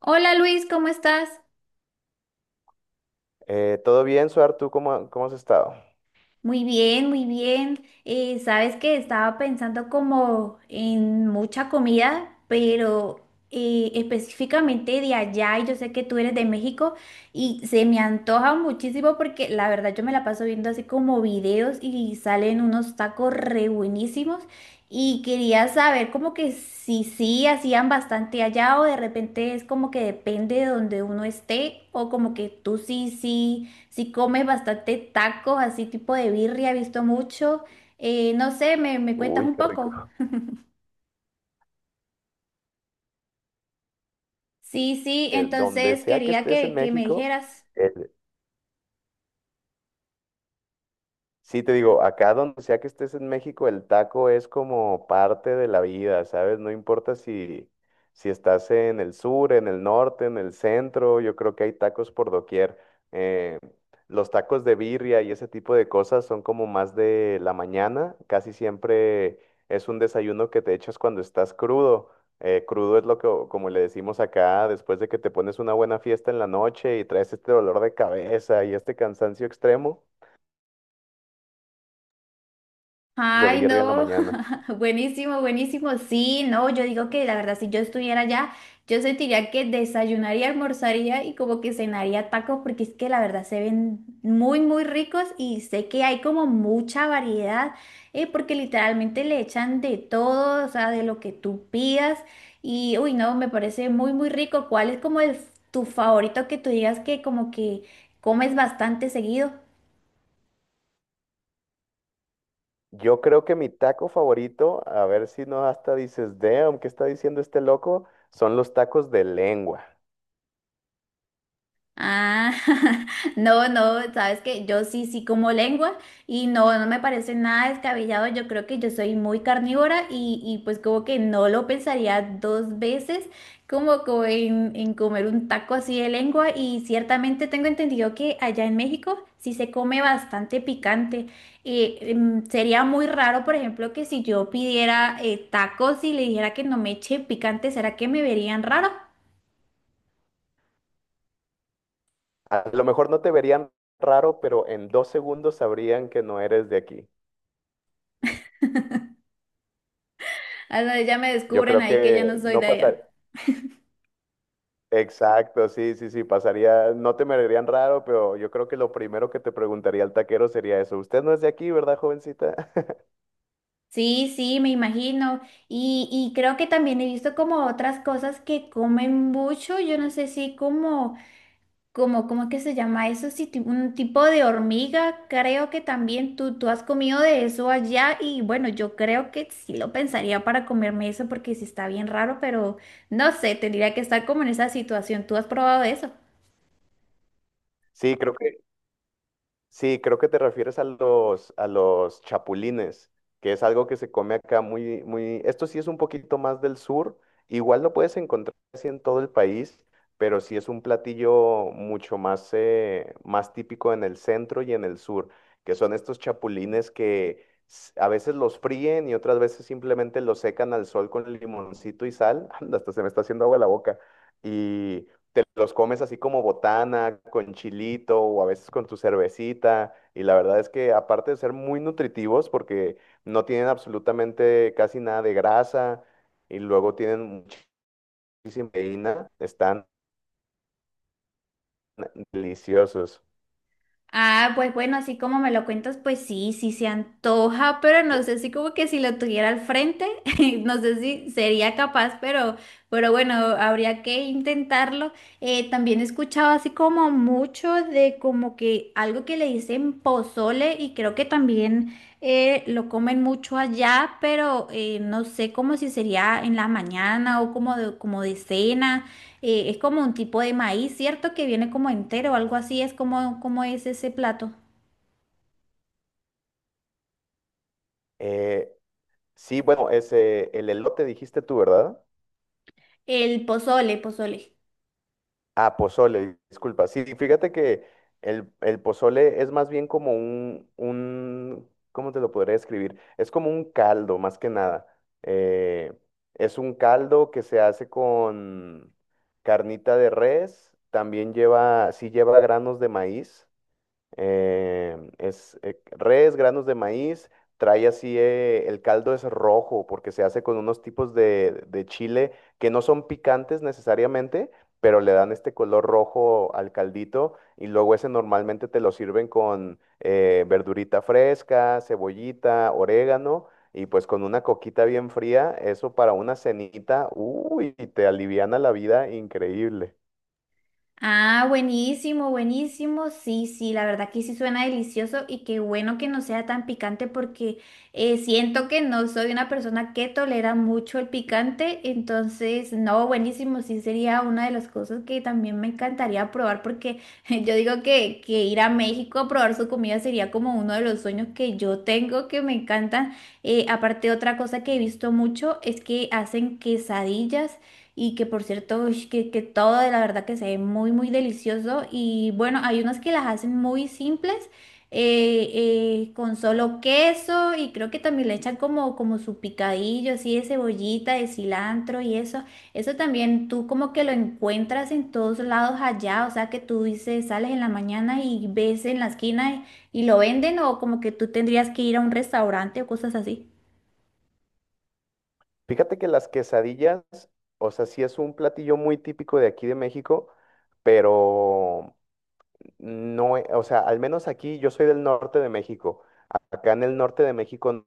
Hola Luis, ¿cómo estás? ¿Todo bien, Suar? ¿Tú cómo has estado? Muy bien, muy bien. Sabes que estaba pensando como en mucha comida, pero específicamente de allá, y yo sé que tú eres de México, y se me antoja muchísimo porque la verdad yo me la paso viendo así como videos y salen unos tacos re buenísimos. Y quería saber como que si sí hacían bastante allá o de repente es como que depende de donde uno esté o como que tú sí, sí. Si comes bastante tacos, así tipo de birria, he visto mucho. No sé, me cuentas Uy, un qué poco. rico. Sí, sí, Donde entonces sea que quería estés en que me México, dijeras. el- Sí, te digo, acá donde sea que estés en México, el taco es como parte de la vida, ¿sabes? No importa si estás en el sur, en el norte, en el centro, yo creo que hay tacos por doquier. Eh, los tacos de birria y ese tipo de cosas son como más de la mañana, casi siempre es un desayuno que te echas cuando estás crudo. Crudo es lo que, como le decimos acá, después de que te pones una buena fiesta en la noche y traes este dolor de cabeza y este cansancio extremo. De Ay, birria en la no, mañana. buenísimo, buenísimo. Sí, no, yo digo que la verdad, si yo estuviera allá, yo sentiría que desayunaría, almorzaría y como que cenaría tacos, porque es que la verdad se ven muy, muy ricos y sé que hay como mucha variedad, porque literalmente le echan de todo, o sea, de lo que tú pidas. Y, uy, no, me parece muy, muy rico. ¿Cuál es como el, tu favorito que tú digas que como que comes bastante seguido? Yo creo que mi taco favorito, a ver si no hasta dices, damn, ¿qué está diciendo este loco? Son los tacos de lengua. Ah, no, no, sabes que yo sí, sí como lengua y no, no me parece nada descabellado. Yo creo que yo soy muy carnívora y pues como que no lo pensaría dos veces como, como en comer un taco así de lengua y ciertamente tengo entendido que allá en México sí se come bastante picante. Sería muy raro, por ejemplo, que si yo pidiera tacos y le dijera que no me eche picante, ¿será que me verían raro? A lo mejor no te verían raro, pero en dos segundos sabrían que no eres de aquí. Ah, no, ya me Yo descubren creo ahí que que ya no soy no de pasaría. allá. Exacto, sí, sí, sí, pasaría, no te mirarían raro, pero yo creo que lo primero que te preguntaría el taquero sería eso. ¿Usted no es de aquí, verdad, jovencita? Sí, sí, me imagino. Y creo que también he visto como otras cosas que comen mucho. Yo no sé si como, como, ¿cómo es que se llama eso? Sí, un tipo de hormiga. Creo que también tú has comido de eso allá. Y bueno, yo creo que sí lo pensaría para comerme eso porque sí está bien raro, pero no sé, tendría que estar como en esa situación. ¿Tú has probado eso? Sí, creo que Sí, creo que te refieres a los chapulines, que es algo que se come acá muy, esto sí es un poquito más del sur, igual lo puedes encontrar así en todo el país, pero sí es un platillo mucho más, más típico en el centro y en el sur, que son estos chapulines que a veces los fríen y otras veces simplemente los secan al sol con limoncito y sal, hasta se me está haciendo agua la boca, y te los comes así como botana, con chilito o a veces con tu cervecita. Y la verdad es que aparte de ser muy nutritivos, porque no tienen absolutamente casi nada de grasa y luego tienen muchísima proteína, están deliciosos. Ah, pues bueno, así como me lo cuentas, pues sí, sí se antoja, pero no sé si como que si lo tuviera al frente, no sé si sería capaz, pero bueno, habría que intentarlo. También he escuchado así como mucho de como que algo que le dicen pozole y creo que también lo comen mucho allá, pero no sé como si sería en la mañana o como de cena. Es como un tipo de maíz, ¿cierto? Que viene como entero o algo así. Es como, como es ese plato. Eh, sí, bueno, el elote dijiste tú, ¿verdad? El pozole, pozole. Ah, pozole, disculpa. Sí, fíjate que el pozole es más bien como un ¿cómo te lo podría describir? Es como un caldo, más que nada. Eh, es un caldo que se hace con carnita de res, también lleva, sí lleva granos de maíz, es res, granos de maíz, trae así, el caldo es rojo porque se hace con unos tipos de chile que no son picantes necesariamente, pero le dan este color rojo al caldito y luego ese normalmente te lo sirven con verdurita fresca, cebollita, orégano. Y pues con una coquita bien fría, eso para una cenita, uy, te aliviana la vida increíble. Ah, buenísimo, buenísimo. Sí, sí, la verdad que sí suena delicioso y qué bueno que no sea tan picante porque siento que no soy una persona que tolera mucho el picante, entonces no, buenísimo, sí sería una de las cosas que también me encantaría probar porque yo digo que ir a México a probar su comida sería como uno de los sueños que yo tengo que me encantan. Aparte, otra cosa que he visto mucho es que hacen quesadillas. Y que por cierto, ush, que todo de la verdad que se ve muy, muy delicioso. Y bueno, hay unas que las hacen muy simples, eh, con solo queso y creo que también le echan como, como su picadillo, así de cebollita, de cilantro y eso. Eso también tú como que lo encuentras en todos lados allá, o sea que tú dices, sales en la mañana y ves en la esquina y lo venden o como que tú tendrías que ir a un restaurante o cosas así. Fíjate que las quesadillas, o sea, sí es un platillo muy típico de aquí de México, pero no, o sea, al menos aquí yo soy del norte de México. Acá en el norte de México,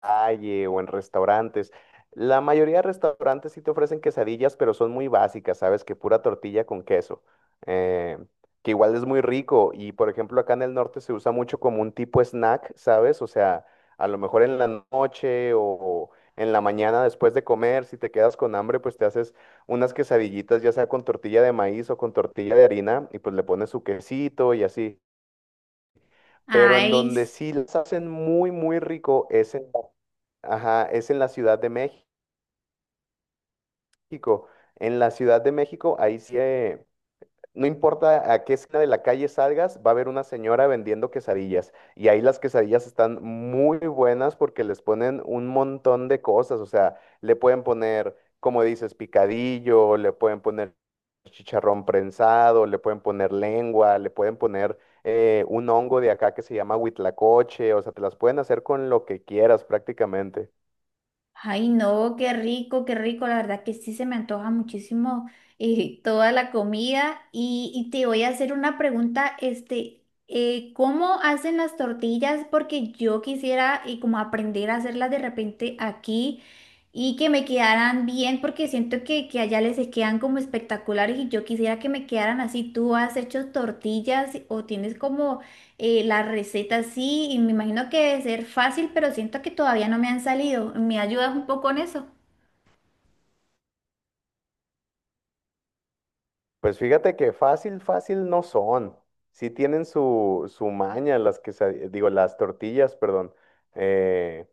calle o en restaurantes. La mayoría de restaurantes sí te ofrecen quesadillas, pero son muy básicas, ¿sabes? Que pura tortilla con queso, eh, que igual es muy rico. Y por ejemplo, acá en el norte se usa mucho como un tipo snack, ¿sabes? O sea, a lo mejor en la noche o en la mañana después de comer, si te quedas con hambre, pues te haces unas quesadillitas, ya sea con tortilla de maíz o con tortilla de harina, y pues le pones su quesito y así. Pero en Ay, donde sí las hacen muy rico es en Ajá, es en la Ciudad de México. En la Ciudad de México, ahí sí, no importa a qué esquina de la calle salgas, va a haber una señora vendiendo quesadillas. Y ahí las quesadillas están muy buenas porque les ponen un montón de cosas. O sea, le pueden poner, como dices, picadillo, le pueden poner chicharrón prensado, le pueden poner lengua, le pueden poner un hongo de acá que se llama huitlacoche. O sea, te las pueden hacer con lo que quieras prácticamente. ay, no, qué rico, qué rico. La verdad que sí se me antoja muchísimo toda la comida. Y te voy a hacer una pregunta, este, ¿cómo hacen las tortillas? Porque yo quisiera como aprender a hacerlas de repente aquí y que me quedaran bien, porque siento que allá les quedan como espectaculares y yo quisiera que me quedaran así. ¿Tú has hecho tortillas o tienes como la receta sí, y me imagino que debe ser fácil, pero siento que todavía no me han salido? ¿Me ayudas un poco con eso? Pues fíjate que fácil no son. Sí tienen su maña, las que digo, las tortillas, perdón. Eh,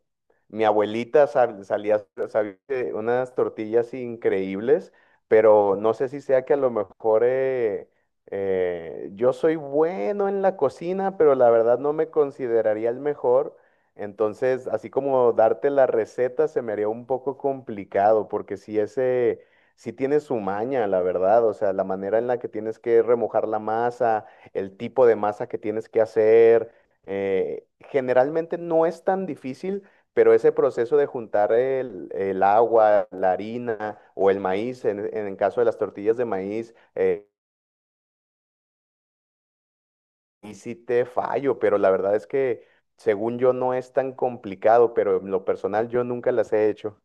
Mi abuelita sabía hacer unas tortillas increíbles, pero no sé si sea que a lo mejor yo soy bueno en la cocina, pero la verdad no me consideraría el mejor. Entonces, así como darte la receta se me haría un poco complicado, porque si ese sí tiene su maña, la verdad, o sea, la manera en la que tienes que remojar la masa, el tipo de masa que tienes que hacer, generalmente no es tan difícil, pero ese proceso de juntar el agua, la harina o el maíz, en el caso de las tortillas de maíz, y sí te fallo, pero la verdad es que según yo no es tan complicado, pero en lo personal yo nunca las he hecho.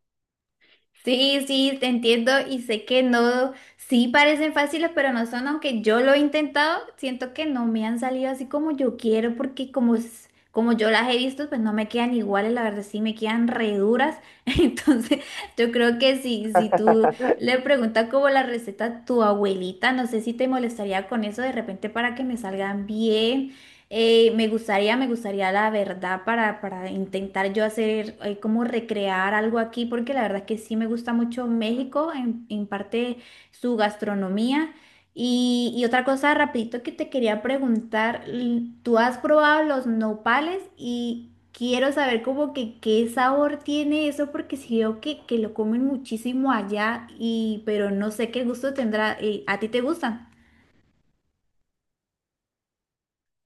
Sí, sí, te entiendo y sé que no, sí parecen fáciles, pero no son, aunque yo lo he intentado, siento que no me han salido así como yo quiero, porque como, como yo las he visto, pues no me quedan iguales, la verdad sí me quedan re duras. Entonces, yo creo que si, si tú le preguntas como la receta a tu abuelita, no sé si te molestaría con eso de repente para que me salgan bien. Me gustaría la verdad para intentar yo hacer, como recrear algo aquí, porque la verdad es que sí me gusta mucho México, en parte su gastronomía. Y otra cosa, rapidito que te quería preguntar, ¿tú has probado los nopales? Y quiero saber como que qué sabor tiene eso, porque sí veo que lo comen muchísimo allá, y, pero no sé qué gusto tendrá. ¿A ti te gustan?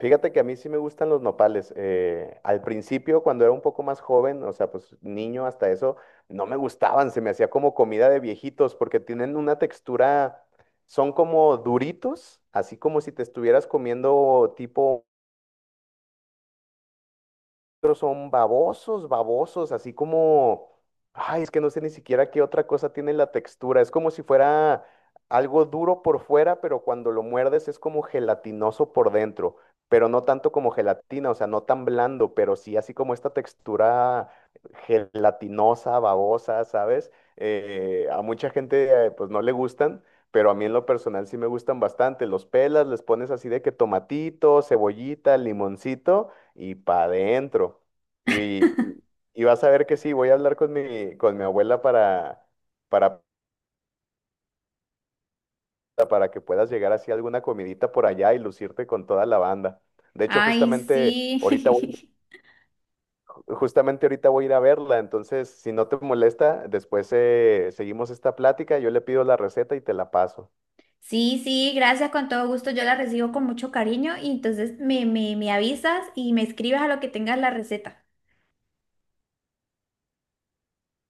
Fíjate que a mí sí me gustan los nopales. Al principio, cuando era un poco más joven, o sea, pues niño hasta eso, no me gustaban, se me hacía como comida de viejitos porque tienen una textura, son como duritos, así como si te estuvieras comiendo tipo, otros son babosos, así como, ay, es que no sé ni siquiera qué otra cosa tiene la textura. Es como si fuera algo duro por fuera, pero cuando lo muerdes es como gelatinoso por dentro, pero no tanto como gelatina, o sea, no tan blando, pero sí así como esta textura gelatinosa, babosa, ¿sabes? A mucha gente pues no le gustan. Pero a mí en lo personal sí me gustan bastante. Los pelas, les pones así de que tomatito, cebollita, limoncito y para adentro. Y, y- y vas a ver que sí, voy a hablar con con mi abuela para, para que puedas llegar así a alguna comidita por allá y lucirte con toda la banda. De hecho, Ay, sí. Justamente ahorita voy a ir a verla, entonces si no te molesta, después seguimos esta plática, yo le pido la receta y te la paso. Sí, sí, gracias, con todo gusto. Yo la recibo con mucho cariño y entonces me avisas y me escribes a lo que tengas la receta.